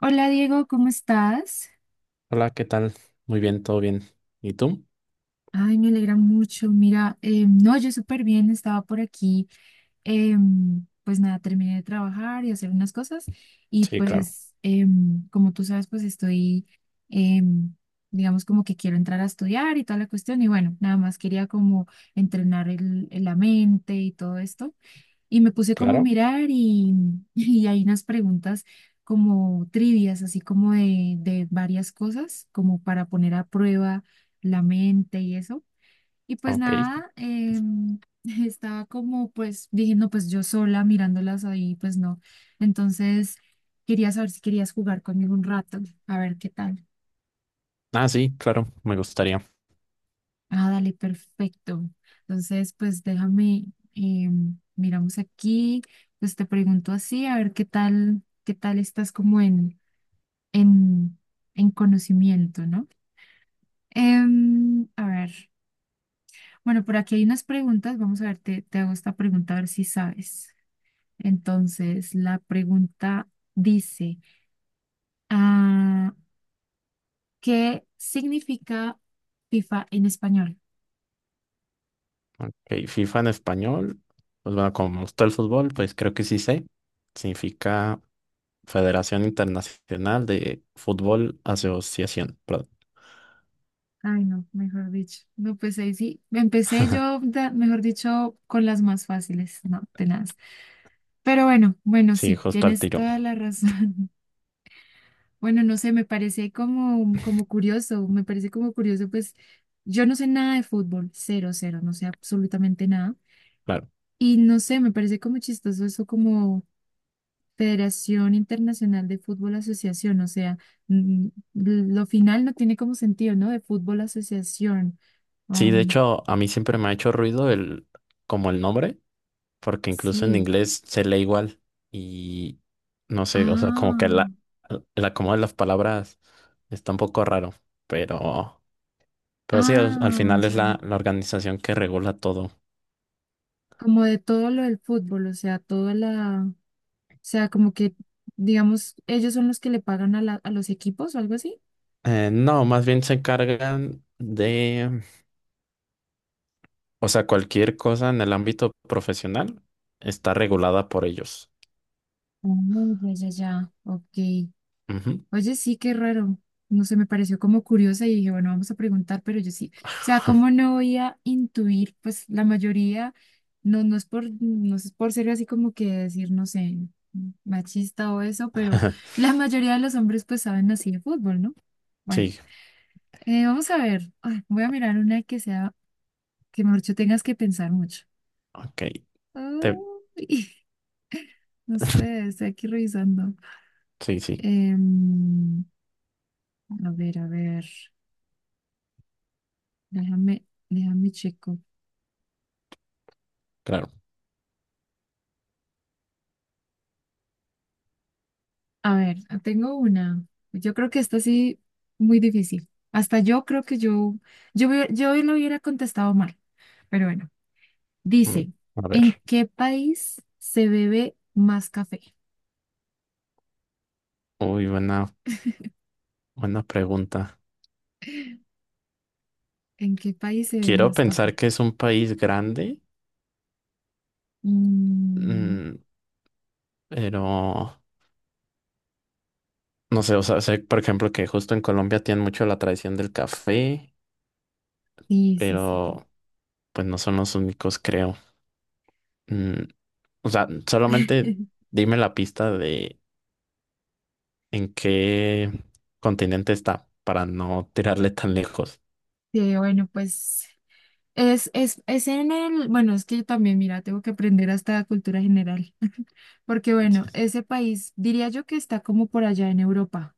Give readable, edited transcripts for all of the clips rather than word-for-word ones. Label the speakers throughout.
Speaker 1: Hola Diego, ¿cómo estás?
Speaker 2: Hola, ¿qué tal? Muy bien, todo bien. ¿Y tú?
Speaker 1: Ay, me alegra mucho. Mira, no, yo súper bien, estaba por aquí. Pues nada, terminé de trabajar y hacer unas cosas, y
Speaker 2: Sí, claro.
Speaker 1: pues como tú sabes, pues estoy, em, digamos, como que quiero entrar a estudiar y toda la cuestión y bueno, nada más quería como entrenar la mente y todo esto. Y me puse como a
Speaker 2: Claro.
Speaker 1: mirar y, y hay unas preguntas como trivias, así como de varias cosas, como para poner a prueba la mente y eso. Y pues
Speaker 2: Ok.
Speaker 1: nada, estaba como, pues dije, no, pues yo sola mirándolas ahí, pues no. Entonces quería saber si querías jugar conmigo un rato, a ver qué tal.
Speaker 2: Ah, sí, claro, me gustaría.
Speaker 1: Ah, dale, perfecto. Entonces, pues déjame, eh, miramos aquí, pues te pregunto así, a ver qué tal estás como en, en conocimiento, ¿no? A ver, bueno, por aquí hay unas preguntas, vamos a ver, te hago esta pregunta a ver si sabes. Entonces, la pregunta dice, ah, ¿qué significa FIFA en español?
Speaker 2: Ok, FIFA en español. Pues bueno, como me gusta el fútbol, pues creo que sí sé. Significa Federación Internacional de Fútbol Asociación. Perdón.
Speaker 1: Ay, no, mejor dicho. No, pues ahí sí. Empecé yo, mejor dicho, con las más fáciles, no, tenaz. Pero bueno,
Speaker 2: Sí,
Speaker 1: sí,
Speaker 2: justo al
Speaker 1: tienes
Speaker 2: tiro.
Speaker 1: toda la razón. Bueno, no sé, me parece como, como curioso, me parece como curioso, pues yo no sé nada de fútbol, cero, cero, no sé absolutamente nada.
Speaker 2: Claro.
Speaker 1: Y no sé, me parece como chistoso eso, como Federación Internacional de Fútbol Asociación, o sea, mm, lo final no tiene como sentido, ¿no? De fútbol asociación.
Speaker 2: Sí, de
Speaker 1: Um,
Speaker 2: hecho, a mí siempre me ha hecho ruido como el nombre, porque incluso en
Speaker 1: sí.
Speaker 2: inglés se lee igual y no sé, o sea, como que
Speaker 1: Ah,
Speaker 2: el acomodo de las palabras está un poco raro, pero, pero sí, al
Speaker 1: ah,
Speaker 2: final es
Speaker 1: ya.
Speaker 2: la organización que regula todo.
Speaker 1: Como de todo lo del fútbol, o sea, como que, digamos, ellos son los que le pagan a a los equipos o algo así.
Speaker 2: No, más bien se encargan de, o sea, cualquier cosa en el ámbito profesional está regulada por ellos.
Speaker 1: Ah, ya, ya, ya. Ok.
Speaker 2: Ujú.
Speaker 1: Oye, sí, qué raro. No sé, me pareció como curiosa y dije, bueno, vamos a preguntar, pero yo sí. O sea, ¿cómo no voy a intuir? Pues la mayoría, no es por ser así como que decir, no sé, machista o eso, pero la mayoría de los hombres pues saben así de fútbol, ¿no? Bueno.
Speaker 2: Sí,
Speaker 1: Vamos a ver. Ay, voy a mirar una que sea, que mejor dicho tengas que pensar mucho.
Speaker 2: ok. Te-
Speaker 1: Ay, no sé, estoy aquí revisando.
Speaker 2: sí, sí,
Speaker 1: Em, a ver, a ver. Déjame checo.
Speaker 2: claro.
Speaker 1: A ver, tengo una. Yo creo que esta sí, muy difícil. Hasta yo creo que yo lo hubiera contestado mal. Pero bueno, dice,
Speaker 2: Mm, a ver.
Speaker 1: ¿en qué país se bebe más café?
Speaker 2: Uy, buena, buena pregunta.
Speaker 1: ¿En qué país se bebe
Speaker 2: Quiero
Speaker 1: más
Speaker 2: pensar
Speaker 1: café?
Speaker 2: que es un país grande,
Speaker 1: Mm,
Speaker 2: mm, pero no sé, o sea, sé, por ejemplo, que justo en Colombia tienen mucho la tradición del café,
Speaker 1: Sí, sí, sí, sí.
Speaker 2: pero pues no son los únicos, creo. Mm, o sea, solamente dime la pista de en qué continente está para no tirarle tan lejos.
Speaker 1: Sí, bueno, pues es en el, bueno, es que yo también, mira, tengo que aprender hasta cultura general, porque bueno, ese país diría yo que está como por allá en Europa,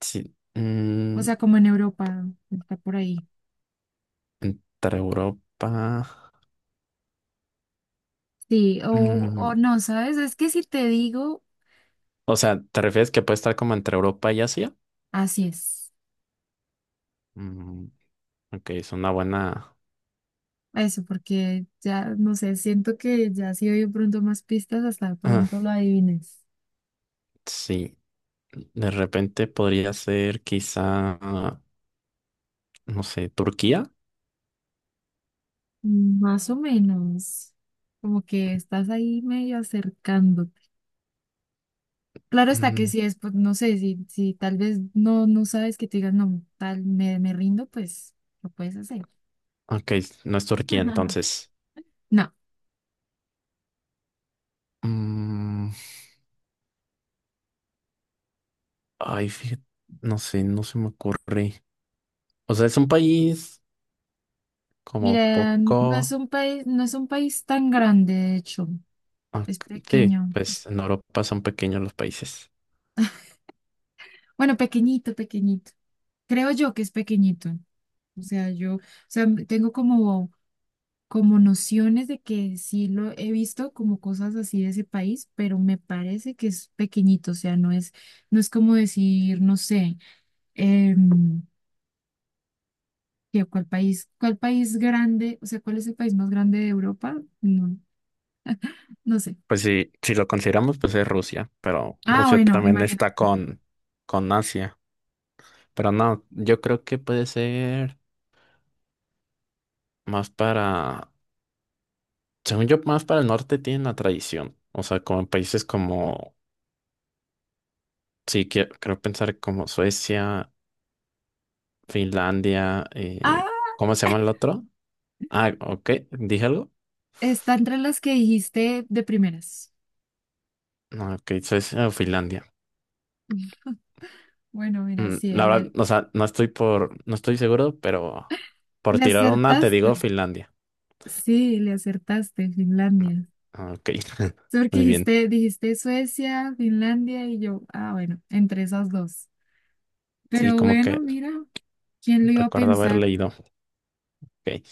Speaker 2: Sí,
Speaker 1: o
Speaker 2: mm,
Speaker 1: sea, como en Europa, está por ahí.
Speaker 2: entre Europa.
Speaker 1: Sí,
Speaker 2: Mm,
Speaker 1: o no, ¿sabes? Es que si te digo,
Speaker 2: o sea, ¿te refieres que puede estar como entre Europa y Asia?
Speaker 1: así es.
Speaker 2: Mm, ok, es una buena.
Speaker 1: Eso, porque ya, no sé, siento que ya si doy de pronto más pistas, hasta de
Speaker 2: Ah,
Speaker 1: pronto lo adivines.
Speaker 2: sí, de repente podría ser quizá, ah, no sé, Turquía.
Speaker 1: Más o menos, como que estás ahí medio acercándote. Claro está que
Speaker 2: Mm,
Speaker 1: si es, pues, no sé, si tal vez no, no sabes, que te digas, no, tal, me rindo, pues lo puedes hacer.
Speaker 2: ok, no es Turquía entonces.
Speaker 1: No,
Speaker 2: Mm, ay, fíjate, no sé, no se me ocurre. O sea, es un país como
Speaker 1: mira,
Speaker 2: poco...
Speaker 1: no es un país tan grande, de hecho,
Speaker 2: Ah,
Speaker 1: es
Speaker 2: sí,
Speaker 1: pequeño.
Speaker 2: pues en Europa son pequeños los países.
Speaker 1: Bueno, pequeñito, pequeñito. Creo yo que es pequeñito. O sea, tengo como, como nociones de que sí lo he visto como cosas así de ese país, pero me parece que es pequeñito. O sea, no es, no es como decir, no sé. em, ¿Qué- ¿Cuál país? ¿Cuál país grande? O sea, ¿cuál es el país más grande de Europa? No, no sé.
Speaker 2: Pues sí, si lo consideramos, pues es Rusia, pero
Speaker 1: Ah,
Speaker 2: Rusia
Speaker 1: bueno,
Speaker 2: también
Speaker 1: imagina.
Speaker 2: está con Asia. Pero no, yo creo que puede ser más para... Según yo, más para el norte tienen la tradición. O sea, como en países como, sí, creo pensar como Suecia, Finlandia,
Speaker 1: Ah,
Speaker 2: ¿cómo se llama el otro? Ah, ok, ¿dije algo?
Speaker 1: está entre las que dijiste de primeras.
Speaker 2: No, ok, Suecia o Finlandia.
Speaker 1: Bueno, mira,
Speaker 2: Mm,
Speaker 1: sí,
Speaker 2: la verdad, o sea, no estoy seguro, pero por
Speaker 1: le
Speaker 2: tirar una te
Speaker 1: acertaste.
Speaker 2: digo Finlandia.
Speaker 1: Sí, le acertaste,
Speaker 2: No,
Speaker 1: Finlandia.
Speaker 2: ah, ok,
Speaker 1: Sí, porque
Speaker 2: muy bien.
Speaker 1: dijiste, dijiste Suecia, Finlandia y yo. Ah, bueno, entre esas dos.
Speaker 2: Sí,
Speaker 1: Pero
Speaker 2: como
Speaker 1: bueno,
Speaker 2: que
Speaker 1: mira, ¿quién lo iba a
Speaker 2: recuerdo haber
Speaker 1: pensar?
Speaker 2: leído. Ok.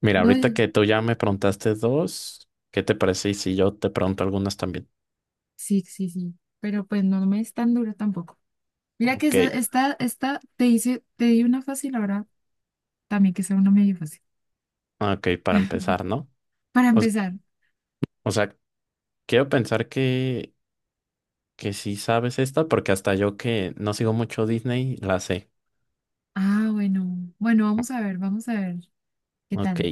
Speaker 2: Mira, ahorita
Speaker 1: No,
Speaker 2: que tú ya me preguntaste dos, ¿qué te parece? Y si yo te pregunto algunas también.
Speaker 1: sí, sí, sí. Pero pues no, no me es tan duro tampoco. Mira que
Speaker 2: Ok.
Speaker 1: esta te hice, te di una fácil ahora, también que sea una medio fácil.
Speaker 2: Ok, para empezar, ¿no?
Speaker 1: Para
Speaker 2: O, s-
Speaker 1: empezar.
Speaker 2: o sea, quiero pensar que sí sabes esta, porque hasta yo que no sigo mucho Disney, la sé.
Speaker 1: Ah, bueno. Bueno, vamos a ver qué
Speaker 2: Ok,
Speaker 1: tal.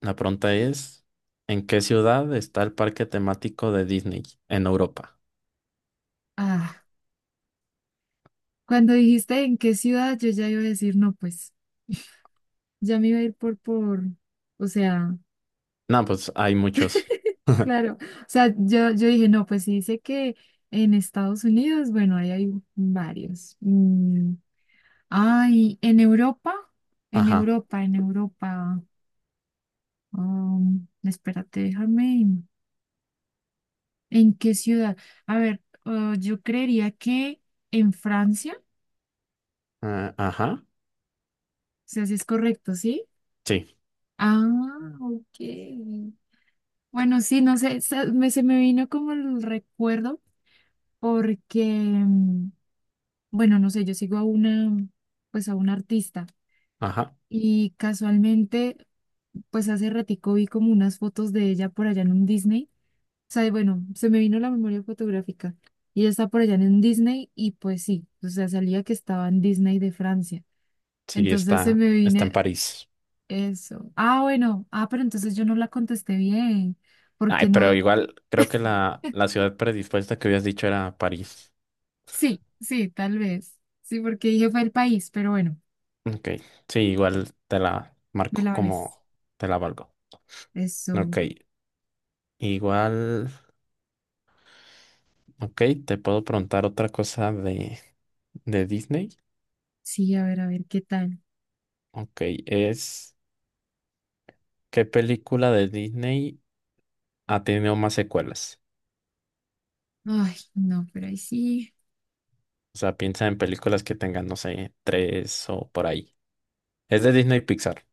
Speaker 2: la pregunta es, ¿en qué ciudad está el parque temático de Disney en Europa?
Speaker 1: Ah, cuando dijiste en qué ciudad, yo ya iba a decir, no, pues, ya me iba a ir o sea,
Speaker 2: No, pues hay muchos.
Speaker 1: claro. O sea, yo dije, no, pues si dice que en Estados Unidos, bueno, ahí hay varios. Ay, en Europa,
Speaker 2: Ajá,
Speaker 1: En Europa. Espérate, déjame. ¿En qué ciudad? A ver, yo creería que en Francia, o
Speaker 2: ah, ajá,
Speaker 1: sea, si es correcto, ¿sí?
Speaker 2: sí,
Speaker 1: Ah, ok. Bueno, sí, no sé, se me vino como el recuerdo porque, bueno, no sé, yo sigo a una, pues a una artista
Speaker 2: ajá,
Speaker 1: y casualmente, pues hace ratico vi como unas fotos de ella por allá en un Disney. O sea, y bueno, se me vino la memoria fotográfica y ella está por allá en un Disney y pues sí, o sea, salía que estaba en Disney de Francia.
Speaker 2: sí,
Speaker 1: Entonces se
Speaker 2: está,
Speaker 1: me
Speaker 2: está
Speaker 1: viene
Speaker 2: en París.
Speaker 1: eso. Ah, bueno, ah, pero entonces yo no la contesté bien,
Speaker 2: Ay,
Speaker 1: porque no,
Speaker 2: pero igual creo que la ciudad predispuesta que habías dicho era París.
Speaker 1: sí, sí, tal vez. Sí, porque dije fue el país, pero bueno,
Speaker 2: Ok, sí, igual te la
Speaker 1: me
Speaker 2: marco
Speaker 1: la vales.
Speaker 2: como te la valgo. Ok,
Speaker 1: Eso,
Speaker 2: igual, ok, te puedo preguntar otra cosa de Disney.
Speaker 1: sí, a ver, ¿qué tal?
Speaker 2: Ok, es ¿qué película de Disney ha tenido más secuelas?
Speaker 1: Ay, no, pero ahí sí.
Speaker 2: O sea, piensa en películas que tengan, no sé, tres o por ahí. Es de Disney Pixar.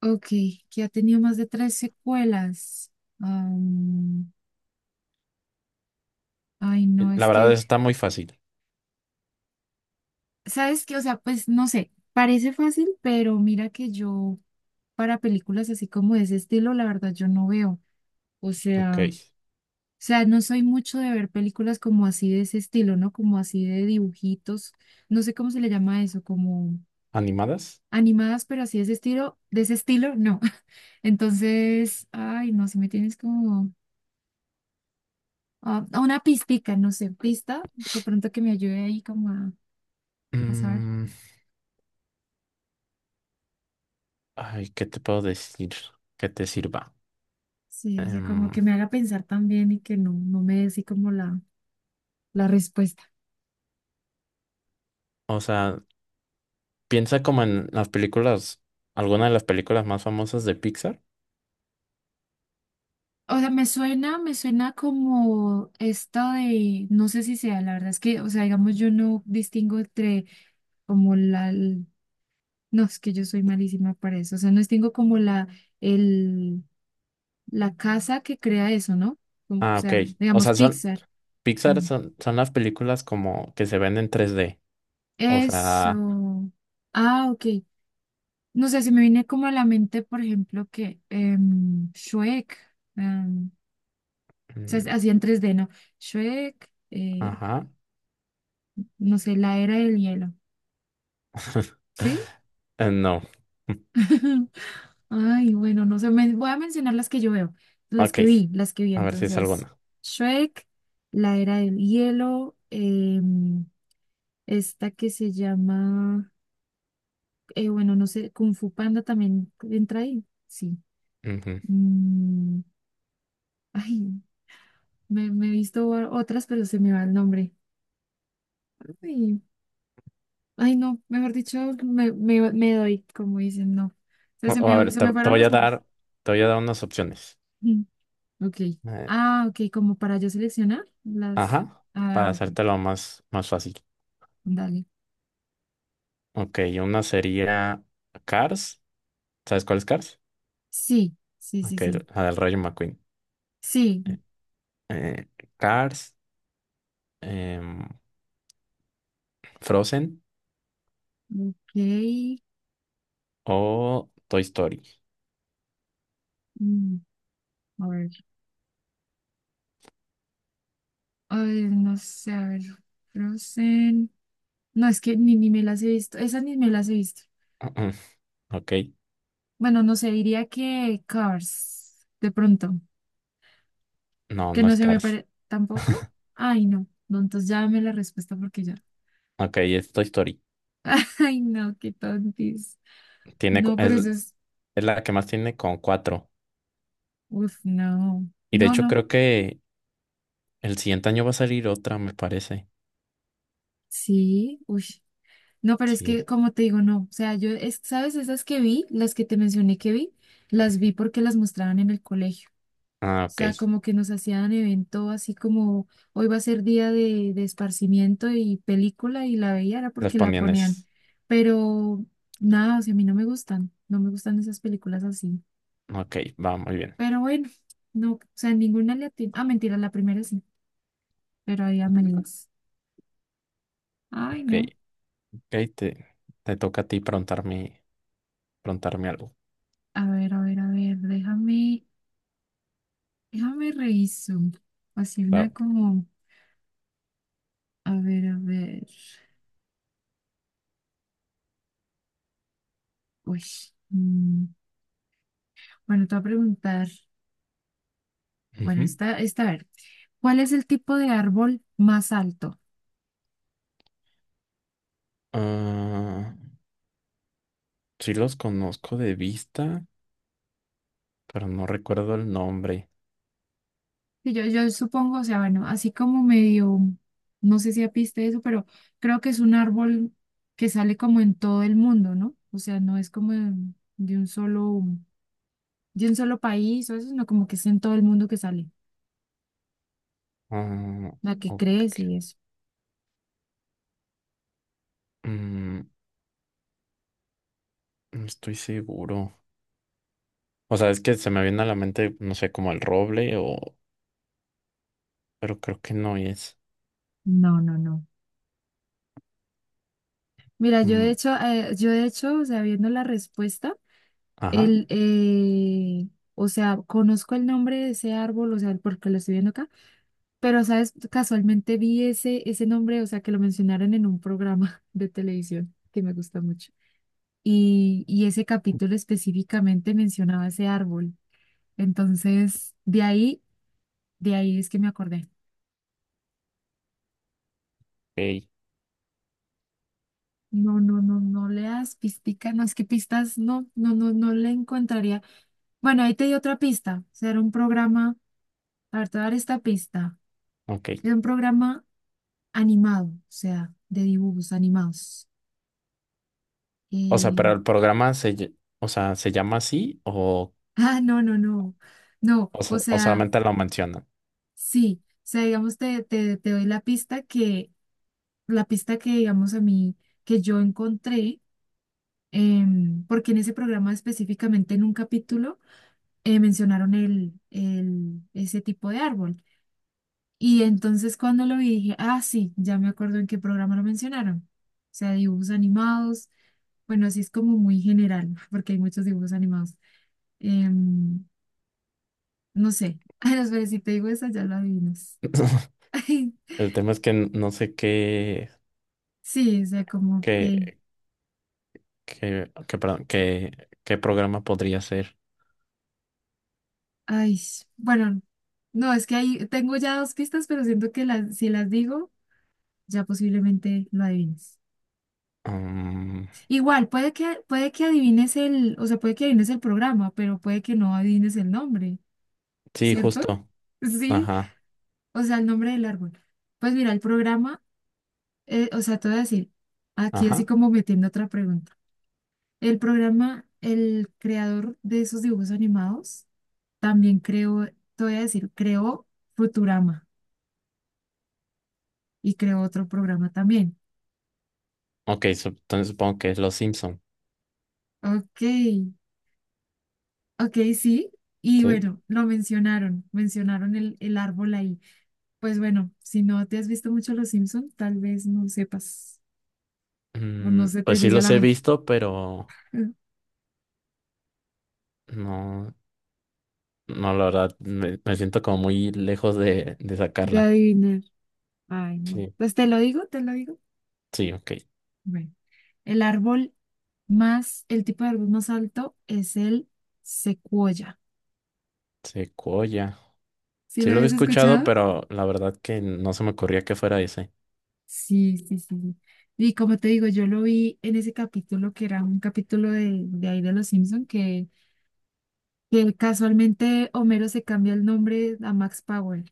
Speaker 1: Ok, que ha tenido más de tres secuelas. Am, ay, no,
Speaker 2: La
Speaker 1: es
Speaker 2: verdad, eso
Speaker 1: que,
Speaker 2: está muy fácil.
Speaker 1: ¿sabes qué? O sea, pues no sé, parece fácil, pero mira que yo para películas así como de ese estilo, la verdad, yo no veo. O
Speaker 2: Ok,
Speaker 1: sea... sea, no soy mucho de ver películas como así de ese estilo, ¿no? Como así de dibujitos, no sé cómo se le llama eso, como
Speaker 2: ¿animadas?
Speaker 1: animadas, pero así de ese estilo, no. Entonces, ay, no, si me tienes como ah, una pistica, no sé, pista, de pronto que me ayude ahí a saber.
Speaker 2: Mm, ay, ¿qué te puedo decir que te sirva?
Speaker 1: Sí, o sea, como que
Speaker 2: Em,
Speaker 1: me haga pensar también y que no, no me dé así como la respuesta.
Speaker 2: o sea, piensa como en las películas, alguna de las películas más famosas de Pixar.
Speaker 1: O sea, me suena como esta de, no sé si sea, la verdad es que, o sea, digamos, yo no distingo entre como la, l- no, es que yo soy malísima para eso, o sea, no es- tengo como el, la casa que crea eso, ¿no? O
Speaker 2: Ah, ok.
Speaker 1: sea,
Speaker 2: O
Speaker 1: digamos
Speaker 2: sea, son
Speaker 1: Pixar.
Speaker 2: Pixar
Speaker 1: Mm.
Speaker 2: son las películas como que se ven en tres d. O sea,
Speaker 1: Eso. Ah, ok. No sé, se me viene como a la mente, por ejemplo, que Shrek, o sea,
Speaker 2: mm,
Speaker 1: hacía en 3D, ¿no? Shrek,
Speaker 2: ajá.
Speaker 1: no sé, la era del hielo, ¿sí?
Speaker 2: No.
Speaker 1: Ay, bueno, no sé, voy a mencionar las que yo veo,
Speaker 2: Ok.
Speaker 1: las que vi.
Speaker 2: A ver si es
Speaker 1: Entonces,
Speaker 2: alguna.
Speaker 1: Shrek, La Era del Hielo, esta que se llama, bueno, no sé, Kung Fu Panda también entra ahí, sí.
Speaker 2: Ujú.
Speaker 1: Mm, ay, me he visto otras, pero se me va el nombre. Ay, ay, no, mejor dicho, me doy, como dicen, no. O sea,
Speaker 2: O A ver,
Speaker 1: se me
Speaker 2: te
Speaker 1: fueron
Speaker 2: voy
Speaker 1: los
Speaker 2: a
Speaker 1: nombres.
Speaker 2: dar, te voy a dar unas opciones.
Speaker 1: Ok.
Speaker 2: Eh,
Speaker 1: Ah, ok, como para yo seleccionar las.
Speaker 2: ajá. Para
Speaker 1: Ah, ok,
Speaker 2: hacértelo más, más fácil.
Speaker 1: dale.
Speaker 2: Ok, una sería Cars. ¿Sabes cuál es Cars?
Speaker 1: Sí, sí, sí,
Speaker 2: Ok,
Speaker 1: sí.
Speaker 2: la del Rayo McQueen.
Speaker 1: Sí,
Speaker 2: Eh, eh, Cars, em, Frozen
Speaker 1: ok.
Speaker 2: o Toy Story.
Speaker 1: mm, a ver, ay, no sé, a ver. Frozen. No, es que ni me las he visto. Esas ni me las he visto.
Speaker 2: Ok,
Speaker 1: Bueno, no sé, diría que Cars, de pronto.
Speaker 2: no,
Speaker 1: Que
Speaker 2: no
Speaker 1: no
Speaker 2: es
Speaker 1: se me
Speaker 2: Cars.
Speaker 1: parece. ¿Tampoco? Ay, no. No, entonces ya dame la respuesta porque ya.
Speaker 2: Ok, es Toy Story.
Speaker 1: Ay, no, qué tontis.
Speaker 2: Tiene, cu-
Speaker 1: No, pero
Speaker 2: es,
Speaker 1: eso es.
Speaker 2: es la que más tiene con cuatro.
Speaker 1: Uf, no.
Speaker 2: Y de
Speaker 1: No,
Speaker 2: hecho
Speaker 1: no.
Speaker 2: creo que el siguiente año va a salir otra, me parece.
Speaker 1: Sí, uy. No, pero es que,
Speaker 2: Sí.
Speaker 1: como te digo, no. O sea, yo, es, ¿sabes? Esas que vi, las que te mencioné que vi, las vi porque las mostraban en el colegio.
Speaker 2: Ah,
Speaker 1: O sea,
Speaker 2: ok.
Speaker 1: como que nos hacían evento así como hoy va a ser día de esparcimiento y película, y la veía era
Speaker 2: Las
Speaker 1: porque la ponían.
Speaker 2: poníanes.
Speaker 1: Pero nada, o sea, a mí no me gustan, no me gustan esas películas así.
Speaker 2: Ok, va muy bien.
Speaker 1: Pero bueno, no, o sea, ninguna ah, mentira, la primera sí, pero ahí amelas. Ay,
Speaker 2: Ok,
Speaker 1: no.
Speaker 2: ok, te toca a ti preguntarme, preguntarme algo.
Speaker 1: A ver, a ver, a ver, déjame. Déjame reviso. Así una
Speaker 2: Claro.
Speaker 1: como, a ver, a ver. Uy. mm, Bueno, te voy a preguntar. Bueno,
Speaker 2: Ujú.
Speaker 1: esta, a ver. ¿Cuál es el tipo de árbol más alto?
Speaker 2: Ah, sí los conozco de vista, pero no recuerdo el nombre.
Speaker 1: Sí, yo supongo, o sea, bueno, así como medio, no sé si apiste eso, pero creo que es un árbol que sale como en todo el mundo, ¿no? O sea, no es como de un solo, de un solo país o eso, sino como que es en todo el mundo que sale,
Speaker 2: Ah,
Speaker 1: la que crece
Speaker 2: ok.
Speaker 1: y eso.
Speaker 2: Mm, no estoy seguro. O sea, es que se me viene a la mente, no sé, como el roble o... Pero creo que no es.
Speaker 1: No, no, no. Mira,
Speaker 2: Mm,
Speaker 1: yo de hecho, o sea, viendo la respuesta,
Speaker 2: ajá.
Speaker 1: el, eh, o sea, conozco el nombre de ese árbol, o sea, porque lo estoy viendo acá, pero, ¿sabes? Casualmente vi ese nombre, o sea, que lo mencionaron en un programa de televisión que me gusta mucho. Y ese capítulo específicamente mencionaba ese árbol. Entonces, de ahí es que me acordé.
Speaker 2: Ok,
Speaker 1: No, no, no, no leas pistica, no, es que pistas, no, no, no, no le encontraría. Bueno, ahí te di otra pista. O sea, era un programa, a ver, te voy a dar esta pista.
Speaker 2: ok.
Speaker 1: Era un programa animado, o sea, de dibujos animados.
Speaker 2: O sea,
Speaker 1: Eh,
Speaker 2: pero el programa o sea, ¿se llama así o...
Speaker 1: ah, no, no, no. No,
Speaker 2: O
Speaker 1: o
Speaker 2: sea, o
Speaker 1: sea,
Speaker 2: solamente lo mencionan?
Speaker 1: sí. O sea, digamos, te doy la pista que, digamos, a mí, que yo encontré, porque en ese programa específicamente, en un capítulo, mencionaron ese tipo de árbol. Y entonces cuando lo vi dije, ah, sí, ya me acuerdo en qué programa lo mencionaron. O sea, dibujos animados, bueno, así es como muy general, porque hay muchos dibujos animados. Em, no sé, ay, no, pero si te digo esa, ya lo adivinas.
Speaker 2: El tema es que no sé qué...
Speaker 1: sí, o sea, como
Speaker 2: Qué...
Speaker 1: que,
Speaker 2: Qué, perdón, qué programa podría ser.
Speaker 1: ay, bueno, no, es que ahí tengo ya dos pistas, pero siento que las, si las digo, ya posiblemente lo adivines.
Speaker 2: Mm,
Speaker 1: Igual, puede que adivines el, o sea, puede que adivines el programa, pero puede que no adivines el nombre.
Speaker 2: sí,
Speaker 1: ¿Cierto?
Speaker 2: justo.
Speaker 1: Sí,
Speaker 2: Ajá.
Speaker 1: o sea, el nombre del árbol. Pues mira, el programa, o sea, te voy a decir, aquí así
Speaker 2: Ajá.
Speaker 1: como metiendo otra pregunta. El programa, el creador de esos dibujos animados, también creó, te voy a decir, creó Futurama y creó otro programa también.
Speaker 2: Ok, entonces supongo que es Los Simpson.
Speaker 1: Ok, ok, sí. Y
Speaker 2: ¿Sí?
Speaker 1: bueno, lo mencionaron, mencionaron el árbol ahí. Pues bueno, si no te has visto mucho Los Simpson, tal vez no sepas o no
Speaker 2: Mm,
Speaker 1: se te
Speaker 2: pues sí
Speaker 1: llegue a
Speaker 2: los
Speaker 1: la
Speaker 2: he
Speaker 1: mente.
Speaker 2: visto, pero... No. No, la verdad, me siento como muy lejos de
Speaker 1: De
Speaker 2: sacarla.
Speaker 1: adivinar. Ay, no.
Speaker 2: Sí,
Speaker 1: Pues te lo digo, te lo digo.
Speaker 2: sí, ok.
Speaker 1: Bueno, el árbol el tipo de árbol más alto es el secuoya.
Speaker 2: Secuoya.
Speaker 1: ¿Sí
Speaker 2: Sí
Speaker 1: lo
Speaker 2: lo había
Speaker 1: habías
Speaker 2: escuchado,
Speaker 1: escuchado?
Speaker 2: pero la verdad que no se me ocurría que fuera ese.
Speaker 1: Sí, sí, sí. Sí. Y como te digo, yo lo vi en ese capítulo que era un capítulo de ahí de Los Simpson que casualmente Homero se cambia el nombre a Max Power.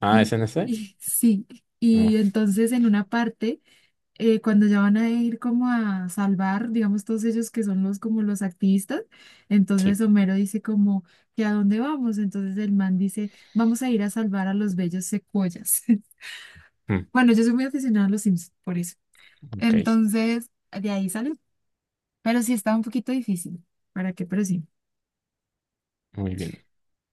Speaker 2: Ah, ¿es
Speaker 1: Y,
Speaker 2: en ese?
Speaker 1: y sí,
Speaker 2: No,
Speaker 1: y entonces en una parte. Cuando ya van a ir como a salvar, digamos, todos ellos que son los como los activistas, entonces
Speaker 2: sí.
Speaker 1: Homero dice como que a dónde vamos, entonces el man dice, vamos a ir a salvar a los bellos secuoyas.
Speaker 2: Mm,
Speaker 1: Bueno, yo soy muy aficionada a los Sims, por eso.
Speaker 2: ok,
Speaker 1: Entonces, de ahí salió, pero sí estaba un poquito difícil, ¿para qué? Pero sí.
Speaker 2: muy bien.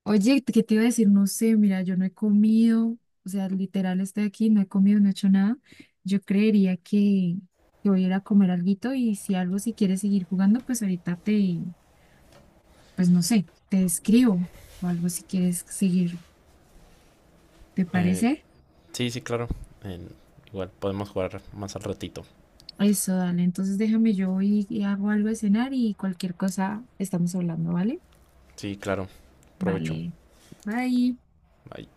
Speaker 1: Oye, ¿qué te iba a decir? No sé, mira, yo no he comido, o sea, literal estoy aquí, no he comido, no he hecho nada. Yo creería que voy a ir a comer alguito y si algo, si quieres seguir jugando, pues ahorita pues no sé, te escribo o algo si quieres seguir, ¿te
Speaker 2: Eh,
Speaker 1: parece?
Speaker 2: sí, sí, claro. En- igual podemos jugar más al ratito.
Speaker 1: Eso, dale, entonces déjame yo voy y hago algo de cenar y cualquier cosa estamos hablando, ¿vale?
Speaker 2: Sí, claro. Provecho.
Speaker 1: Vale, bye.
Speaker 2: Bye.